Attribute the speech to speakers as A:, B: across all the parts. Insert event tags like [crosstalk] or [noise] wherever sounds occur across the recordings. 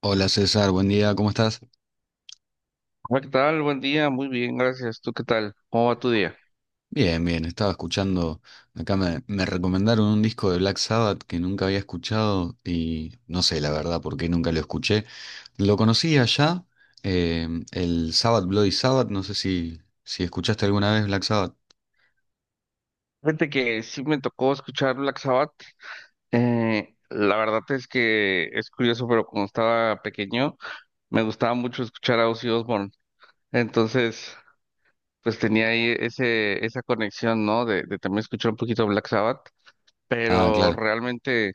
A: Hola César, buen día, ¿cómo estás?
B: Hola, ¿qué tal? Buen día, muy bien, gracias. ¿Tú qué tal? ¿Cómo va tu día?
A: Bien, bien, estaba escuchando, acá me recomendaron un disco de Black Sabbath que nunca había escuchado y no sé la verdad por qué nunca lo escuché. Lo conocí allá, eh, el Sabbath Bloody Sabbath, no sé si escuchaste alguna vez Black Sabbath.
B: Fíjate que sí me tocó escuchar Black Sabbath. La verdad es que es curioso, pero cuando estaba pequeño me gustaba mucho escuchar a Ozzy Osbourne. Entonces, pues tenía ahí ese, esa conexión, ¿no? De también escuchar un poquito Black Sabbath,
A: Ah,
B: pero
A: claro.
B: realmente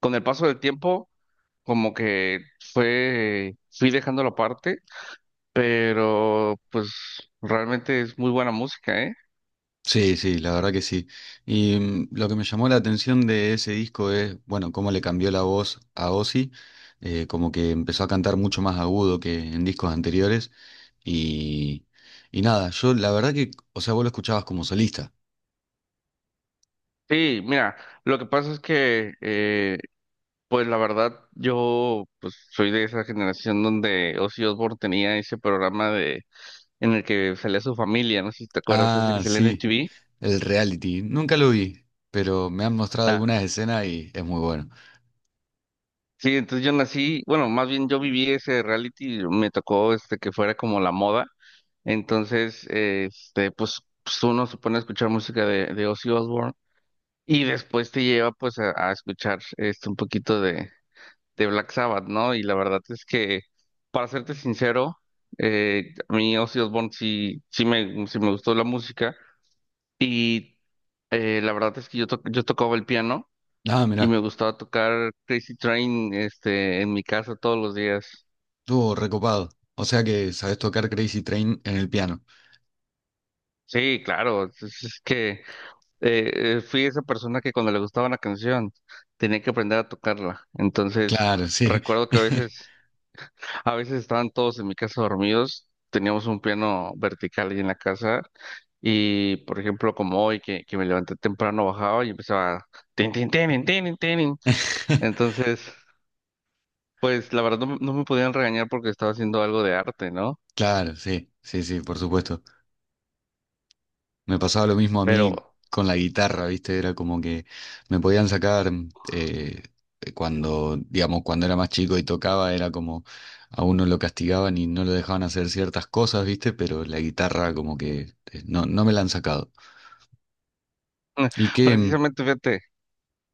B: con el paso del tiempo, como que fui dejándolo aparte, pero pues realmente es muy buena música, ¿eh?
A: Sí, sí, la verdad que sí. Y lo que me llamó la atención de ese disco es, bueno, cómo le cambió la voz a Ozzy, como que empezó a cantar mucho más agudo que en discos anteriores. Y, y nada, yo la verdad que, o sea, vos lo escuchabas como solista.
B: Sí, mira, lo que pasa es que, pues la verdad, yo pues soy de esa generación donde Ozzy Osbourne tenía ese programa de en el que salía su familia, no sé si te acuerdas, ese que
A: Ah,
B: salía en
A: sí,
B: MTV.
A: el reality. Nunca lo vi, pero me han mostrado
B: Ah,
A: algunas escenas y es muy bueno.
B: sí, entonces yo nací, bueno, más bien yo viví ese reality, me tocó este que fuera como la moda, entonces, este, uno se pone a escuchar música de Ozzy Osbourne y después te lleva pues a escuchar este un poquito de Black Sabbath, ¿no? Y la verdad es que, para serte sincero, a mí Ozzy Osbourne sí, sí me gustó la música y la verdad es que yo tocaba el piano
A: Ah,
B: y
A: mirá,
B: me gustaba tocar Crazy Train este, en mi casa todos los días.
A: estuvo recopado. O sea que sabés tocar Crazy Train en el piano.
B: Sí, claro, es que fui esa persona que cuando le gustaba una canción tenía que aprender a tocarla. Entonces,
A: Claro, sí.
B: recuerdo que a veces. A veces estaban todos en mi casa dormidos, teníamos un piano vertical ahí en la casa y, por ejemplo, como hoy que me levanté temprano, bajaba y empezaba tin, tin, tin, tin, tin.
A: [laughs]
B: Entonces, pues la verdad no, me no me podían regañar porque estaba haciendo algo de arte, ¿no?
A: Claro, sí, sí, sí, por supuesto. Me pasaba lo mismo a
B: Pero
A: mí con la guitarra, ¿viste? Era como que me podían sacar eh, cuando, digamos, cuando era más chico y tocaba, era como a uno lo castigaban y no lo dejaban hacer ciertas cosas, ¿viste? Pero la guitarra como que no, no me la han sacado. Y que,
B: precisamente, fíjate,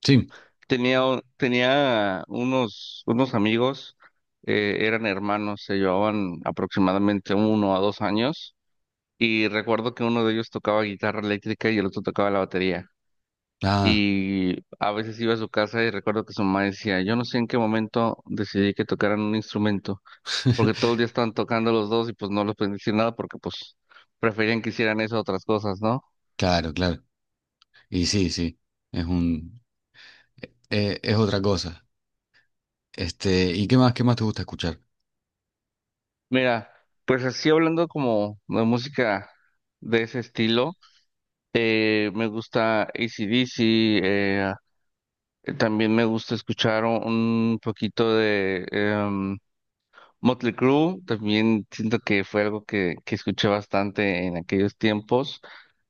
A: sí,
B: tenía unos amigos, eran hermanos, se llevaban aproximadamente uno a dos años y recuerdo que uno de ellos tocaba guitarra eléctrica y el otro tocaba la batería.
A: ah,
B: Y a veces iba a su casa y recuerdo que su mamá decía, yo no sé en qué momento decidí que tocaran un instrumento, porque todo el
A: [laughs]
B: día estaban tocando los dos y pues no les pueden decir nada porque pues preferían que hicieran eso a otras cosas, ¿no?
A: claro, claro. Y sí, sí, es un, es otra cosa. Este, ¿y qué más te gusta escuchar?
B: Mira, pues así hablando como de música de ese estilo, me gusta AC/DC, eh, también me gusta escuchar un poquito de... Motley Crue también siento que fue algo que escuché bastante en aquellos tiempos.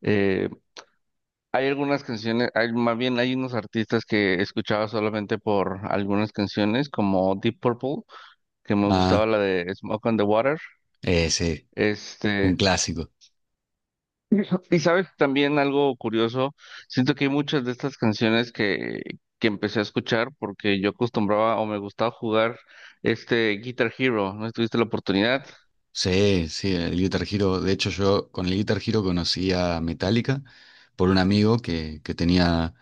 B: Eh, Hay algunas canciones, hay, más bien hay unos artistas que escuchaba solamente por algunas canciones, como Deep Purple, que me gustaba
A: Ah,
B: la de Smoke on the Water.
A: sí, un
B: Este,
A: clásico.
B: y sabes, también algo curioso, siento que hay muchas de estas canciones que empecé a escuchar porque yo acostumbraba o me gustaba jugar este Guitar Hero. ¿No tuviste la oportunidad?
A: Sí, sí, el Guitar Hero. De hecho, yo con el Guitar Hero conocí a Metallica por un amigo que tenía.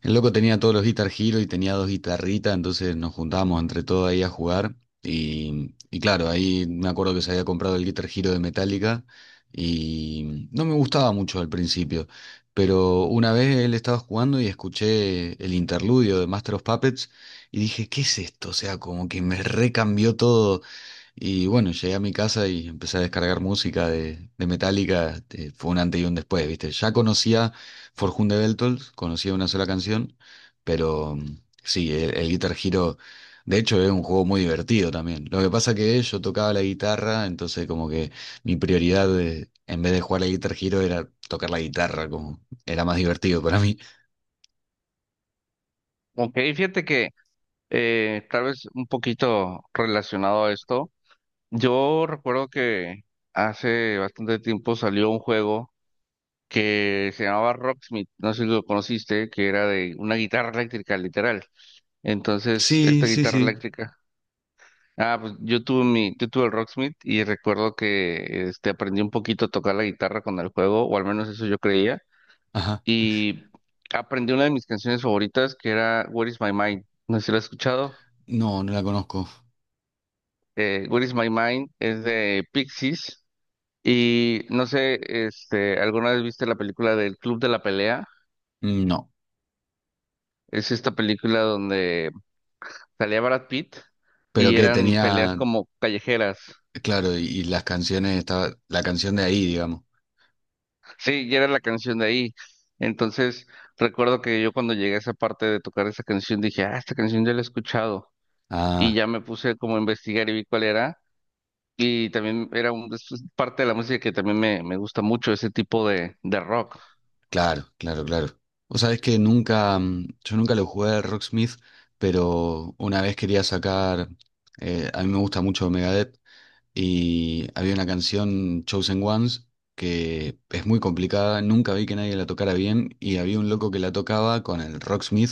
A: El loco tenía todos los Guitar Hero y tenía dos guitarritas, entonces nos juntábamos entre todos ahí a jugar. Y claro, ahí me acuerdo que se había comprado el Guitar Hero de Metallica y no me gustaba mucho al principio. Pero una vez él estaba jugando y escuché el interludio de Master of Puppets y dije, ¿qué es esto? O sea, como que me recambió todo. Y bueno, llegué a mi casa y empecé a descargar música de Metallica. Este, fue un antes y un después, ¿viste? Ya conocía Forjunde Beltold, conocía una sola canción, pero sí, el Guitar Hero, de hecho, es un juego muy divertido también. Lo que pasa que yo tocaba la guitarra, entonces como que en vez de jugar al Guitar Hero era tocar la guitarra, como era más divertido para mí.
B: Ok, fíjate que tal vez un poquito relacionado a esto. Yo recuerdo que hace bastante tiempo salió un juego que se llamaba Rocksmith, no sé si lo conociste, que era de una guitarra eléctrica, literal. Entonces,
A: Sí,
B: esta
A: sí,
B: guitarra
A: sí.
B: eléctrica. Ah, pues yo tuve el Rocksmith y recuerdo que este aprendí un poquito a tocar la guitarra con el juego, o al menos eso yo creía.
A: Ajá.
B: Y aprendí una de mis canciones favoritas que era Where is My Mind. No sé si la has escuchado.
A: No, no la conozco.
B: What is My Mind, es de Pixies. Y no sé, este, ¿alguna vez viste la película del Club de la Pelea?
A: No.
B: Es esta película donde salía Brad Pitt
A: Pero
B: y
A: que
B: eran peleas
A: tenía,
B: como callejeras. [laughs]
A: claro, y las canciones, estaba, la canción de ahí, digamos.
B: Sí, y era la canción de ahí. Entonces, recuerdo que yo cuando llegué a esa parte de tocar esa canción dije, ah, esta canción ya la he escuchado. Y
A: Ah,
B: ya me puse como a investigar y vi cuál era. Y también era un, es parte de la música que también me gusta mucho, ese tipo de rock.
A: claro, claro, claro. Vos sabés que nunca, yo nunca lo jugué a Rocksmith, pero una vez quería sacar, a mí me gusta mucho Megadeth, y había una canción Chosen Ones que es muy complicada, nunca vi que nadie la tocara bien y había un loco que la tocaba con el Rocksmith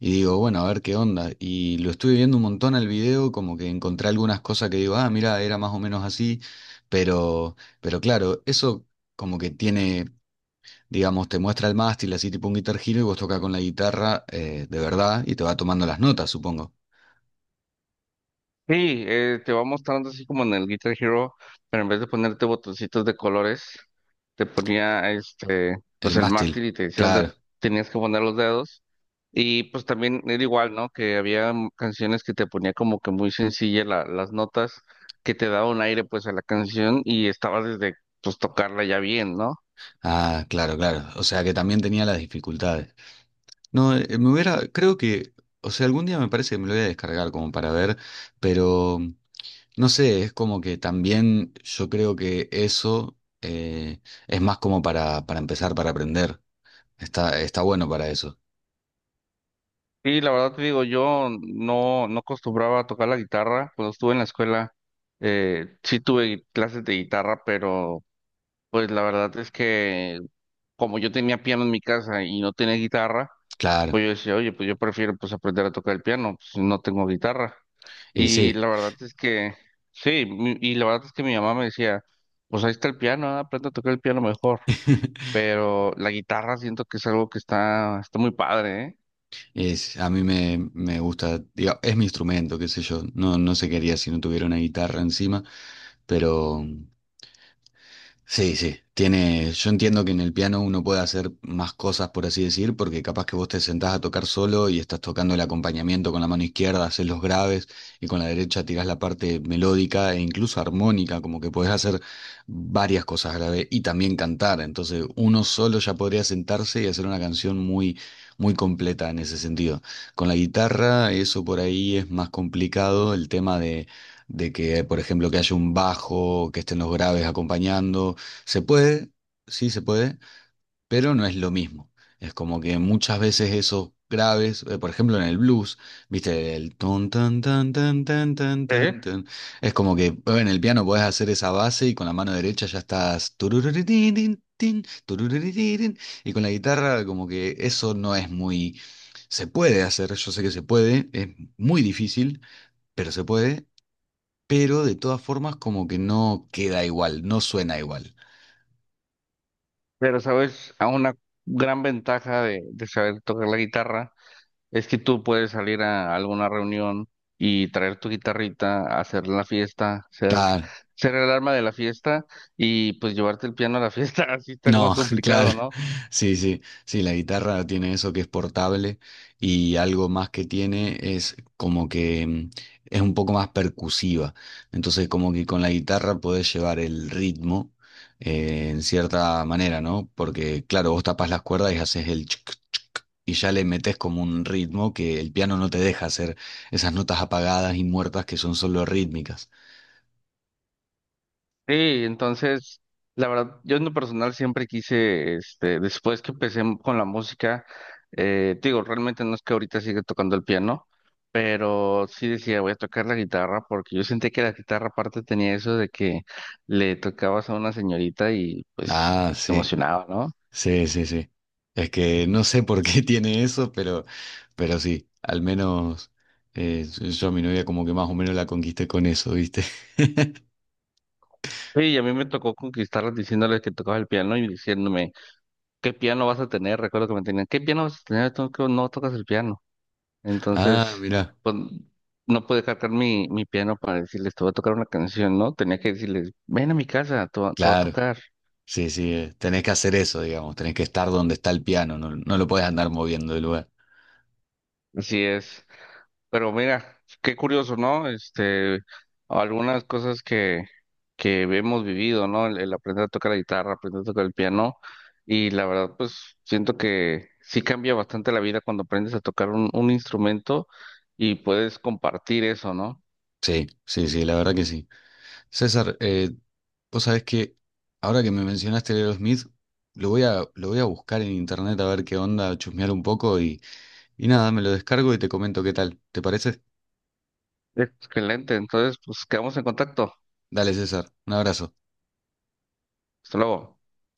A: y digo, bueno, a ver qué onda. Y lo estuve viendo un montón al video, como que encontré algunas cosas que digo, ah, mira, era más o menos así, pero claro, eso como que tiene, digamos, te muestra el mástil así tipo un Guitar Hero y vos tocas con la guitarra de verdad y te va tomando las notas, supongo.
B: Sí, te va mostrando así como en el Guitar Hero, pero en vez de ponerte botoncitos de colores, te ponía este, pues
A: El
B: el
A: mástil,
B: mástil y te decía dónde
A: claro.
B: tenías que poner los dedos. Y pues también era igual, ¿no? Que había canciones que te ponía como que muy sencilla las notas, que te daba un aire pues a la canción y estabas desde pues tocarla ya bien, ¿no?
A: Ah, claro, claro. O sea que también tenía las dificultades. No, me hubiera, creo que, o sea, algún día me parece que me lo voy a descargar como para ver, pero no sé, es como que también yo creo que eso es más como para empezar, para aprender. Está, está bueno para eso.
B: Y la verdad te digo, yo no, no acostumbraba a tocar la guitarra cuando estuve en la escuela. Sí tuve clases de guitarra, pero pues la verdad es que como yo tenía piano en mi casa y no tenía guitarra,
A: Claro.
B: pues yo decía, oye, pues yo prefiero pues aprender a tocar el piano, pues si no tengo guitarra.
A: Y
B: Y
A: sí.
B: la verdad es que, sí, y la verdad es que mi mamá me decía, pues ahí está el piano, ah, aprende a tocar el piano mejor.
A: [laughs]
B: Pero la guitarra siento que es algo que está, está muy padre, ¿eh?
A: Es, a mí me, me gusta, diga, es mi instrumento, qué sé yo. No, no sé qué haría si no tuviera una guitarra encima, pero. Sí, sí, tiene, yo entiendo que en el piano uno puede hacer más cosas, por así decir, porque capaz que vos te sentás a tocar solo y estás tocando el acompañamiento con la mano izquierda, haces los graves y con la derecha tirás la parte melódica e incluso armónica, como que podés hacer varias cosas graves y también cantar. Entonces, uno solo ya podría sentarse y hacer una canción muy, muy completa en ese sentido. Con la guitarra, eso por ahí es más complicado, el tema de que, por ejemplo, que haya un bajo, que estén los graves acompañando, se puede, sí se puede, pero no es lo mismo. Es como que muchas veces esos graves, por ejemplo en el blues, viste, el ton tan tan tan tan tan
B: ¿Eh?
A: tan tan. Es como que en el piano podés hacer esa base y con la mano derecha ya estás turururitín, tin, tin, turururitín, y con la guitarra como que eso no es muy se puede hacer, yo sé que se puede, es muy difícil, pero se puede, pero de todas formas como que no queda igual, no suena igual.
B: Pero sabes, a una gran ventaja de saber tocar la guitarra es que tú puedes salir a alguna reunión y traer tu guitarrita, hacer la fiesta,
A: Claro.
B: ser el arma de la fiesta y pues llevarte el piano a la fiesta, [laughs] así está
A: No,
B: más
A: [laughs] claro,
B: complicado, ¿no?
A: sí, sí, sí, la guitarra tiene eso que es portable y algo más que tiene es como que es un poco más percusiva. Entonces, como que con la guitarra podés llevar el ritmo en cierta manera, ¿no? Porque, claro, vos tapás las cuerdas y haces el chic, chic, y ya le metés como un ritmo que el piano no te deja hacer esas notas apagadas y muertas que son solo rítmicas.
B: Sí, entonces, la verdad, yo en lo personal siempre quise, este, después que empecé con la música, te digo, realmente no es que ahorita siga tocando el piano, pero sí decía, voy a tocar la guitarra, porque yo sentía que la guitarra aparte tenía eso de que le tocabas a una señorita y pues
A: Ah,
B: te
A: sí.
B: emocionaba, ¿no?
A: Sí, sí, sí. Es que no sé por qué [laughs] tiene eso, pero sí, al menos eh, yo a mi novia como que más o menos la conquisté con eso, ¿viste? [laughs]
B: Sí, y a mí me tocó conquistarlas diciéndoles que tocaba el piano y diciéndome, ¿qué piano vas a tener? Recuerdo que me tenían, ¿qué piano vas a tener? Tú que no tocas el piano.
A: Ah,
B: Entonces,
A: mira,
B: pues no pude cargar mi piano para decirles, te voy a tocar una canción, ¿no? Tenía que decirles, ven a mi casa, te voy a
A: claro.
B: tocar.
A: Sí, sí, tenés que hacer eso, digamos, tenés que estar donde está el piano, no, no lo podés andar moviendo del lugar.
B: Así es. Pero mira, qué curioso, ¿no? Este, algunas cosas que hemos vivido, ¿no? El aprender a tocar la guitarra, aprender a tocar el piano. Y la verdad, pues siento que sí cambia bastante la vida cuando aprendes a tocar un instrumento y puedes compartir eso, ¿no?
A: Sí, sí, sí, la verdad que sí. César, vos sabés que ahora que me mencionaste Leo Smith, lo voy a buscar en internet a ver qué onda, a chusmear un poco y nada, me lo descargo y te comento qué tal. ¿Te parece?
B: Excelente. Entonces, pues quedamos en contacto.
A: Dale, César, un abrazo.
B: Hasta luego.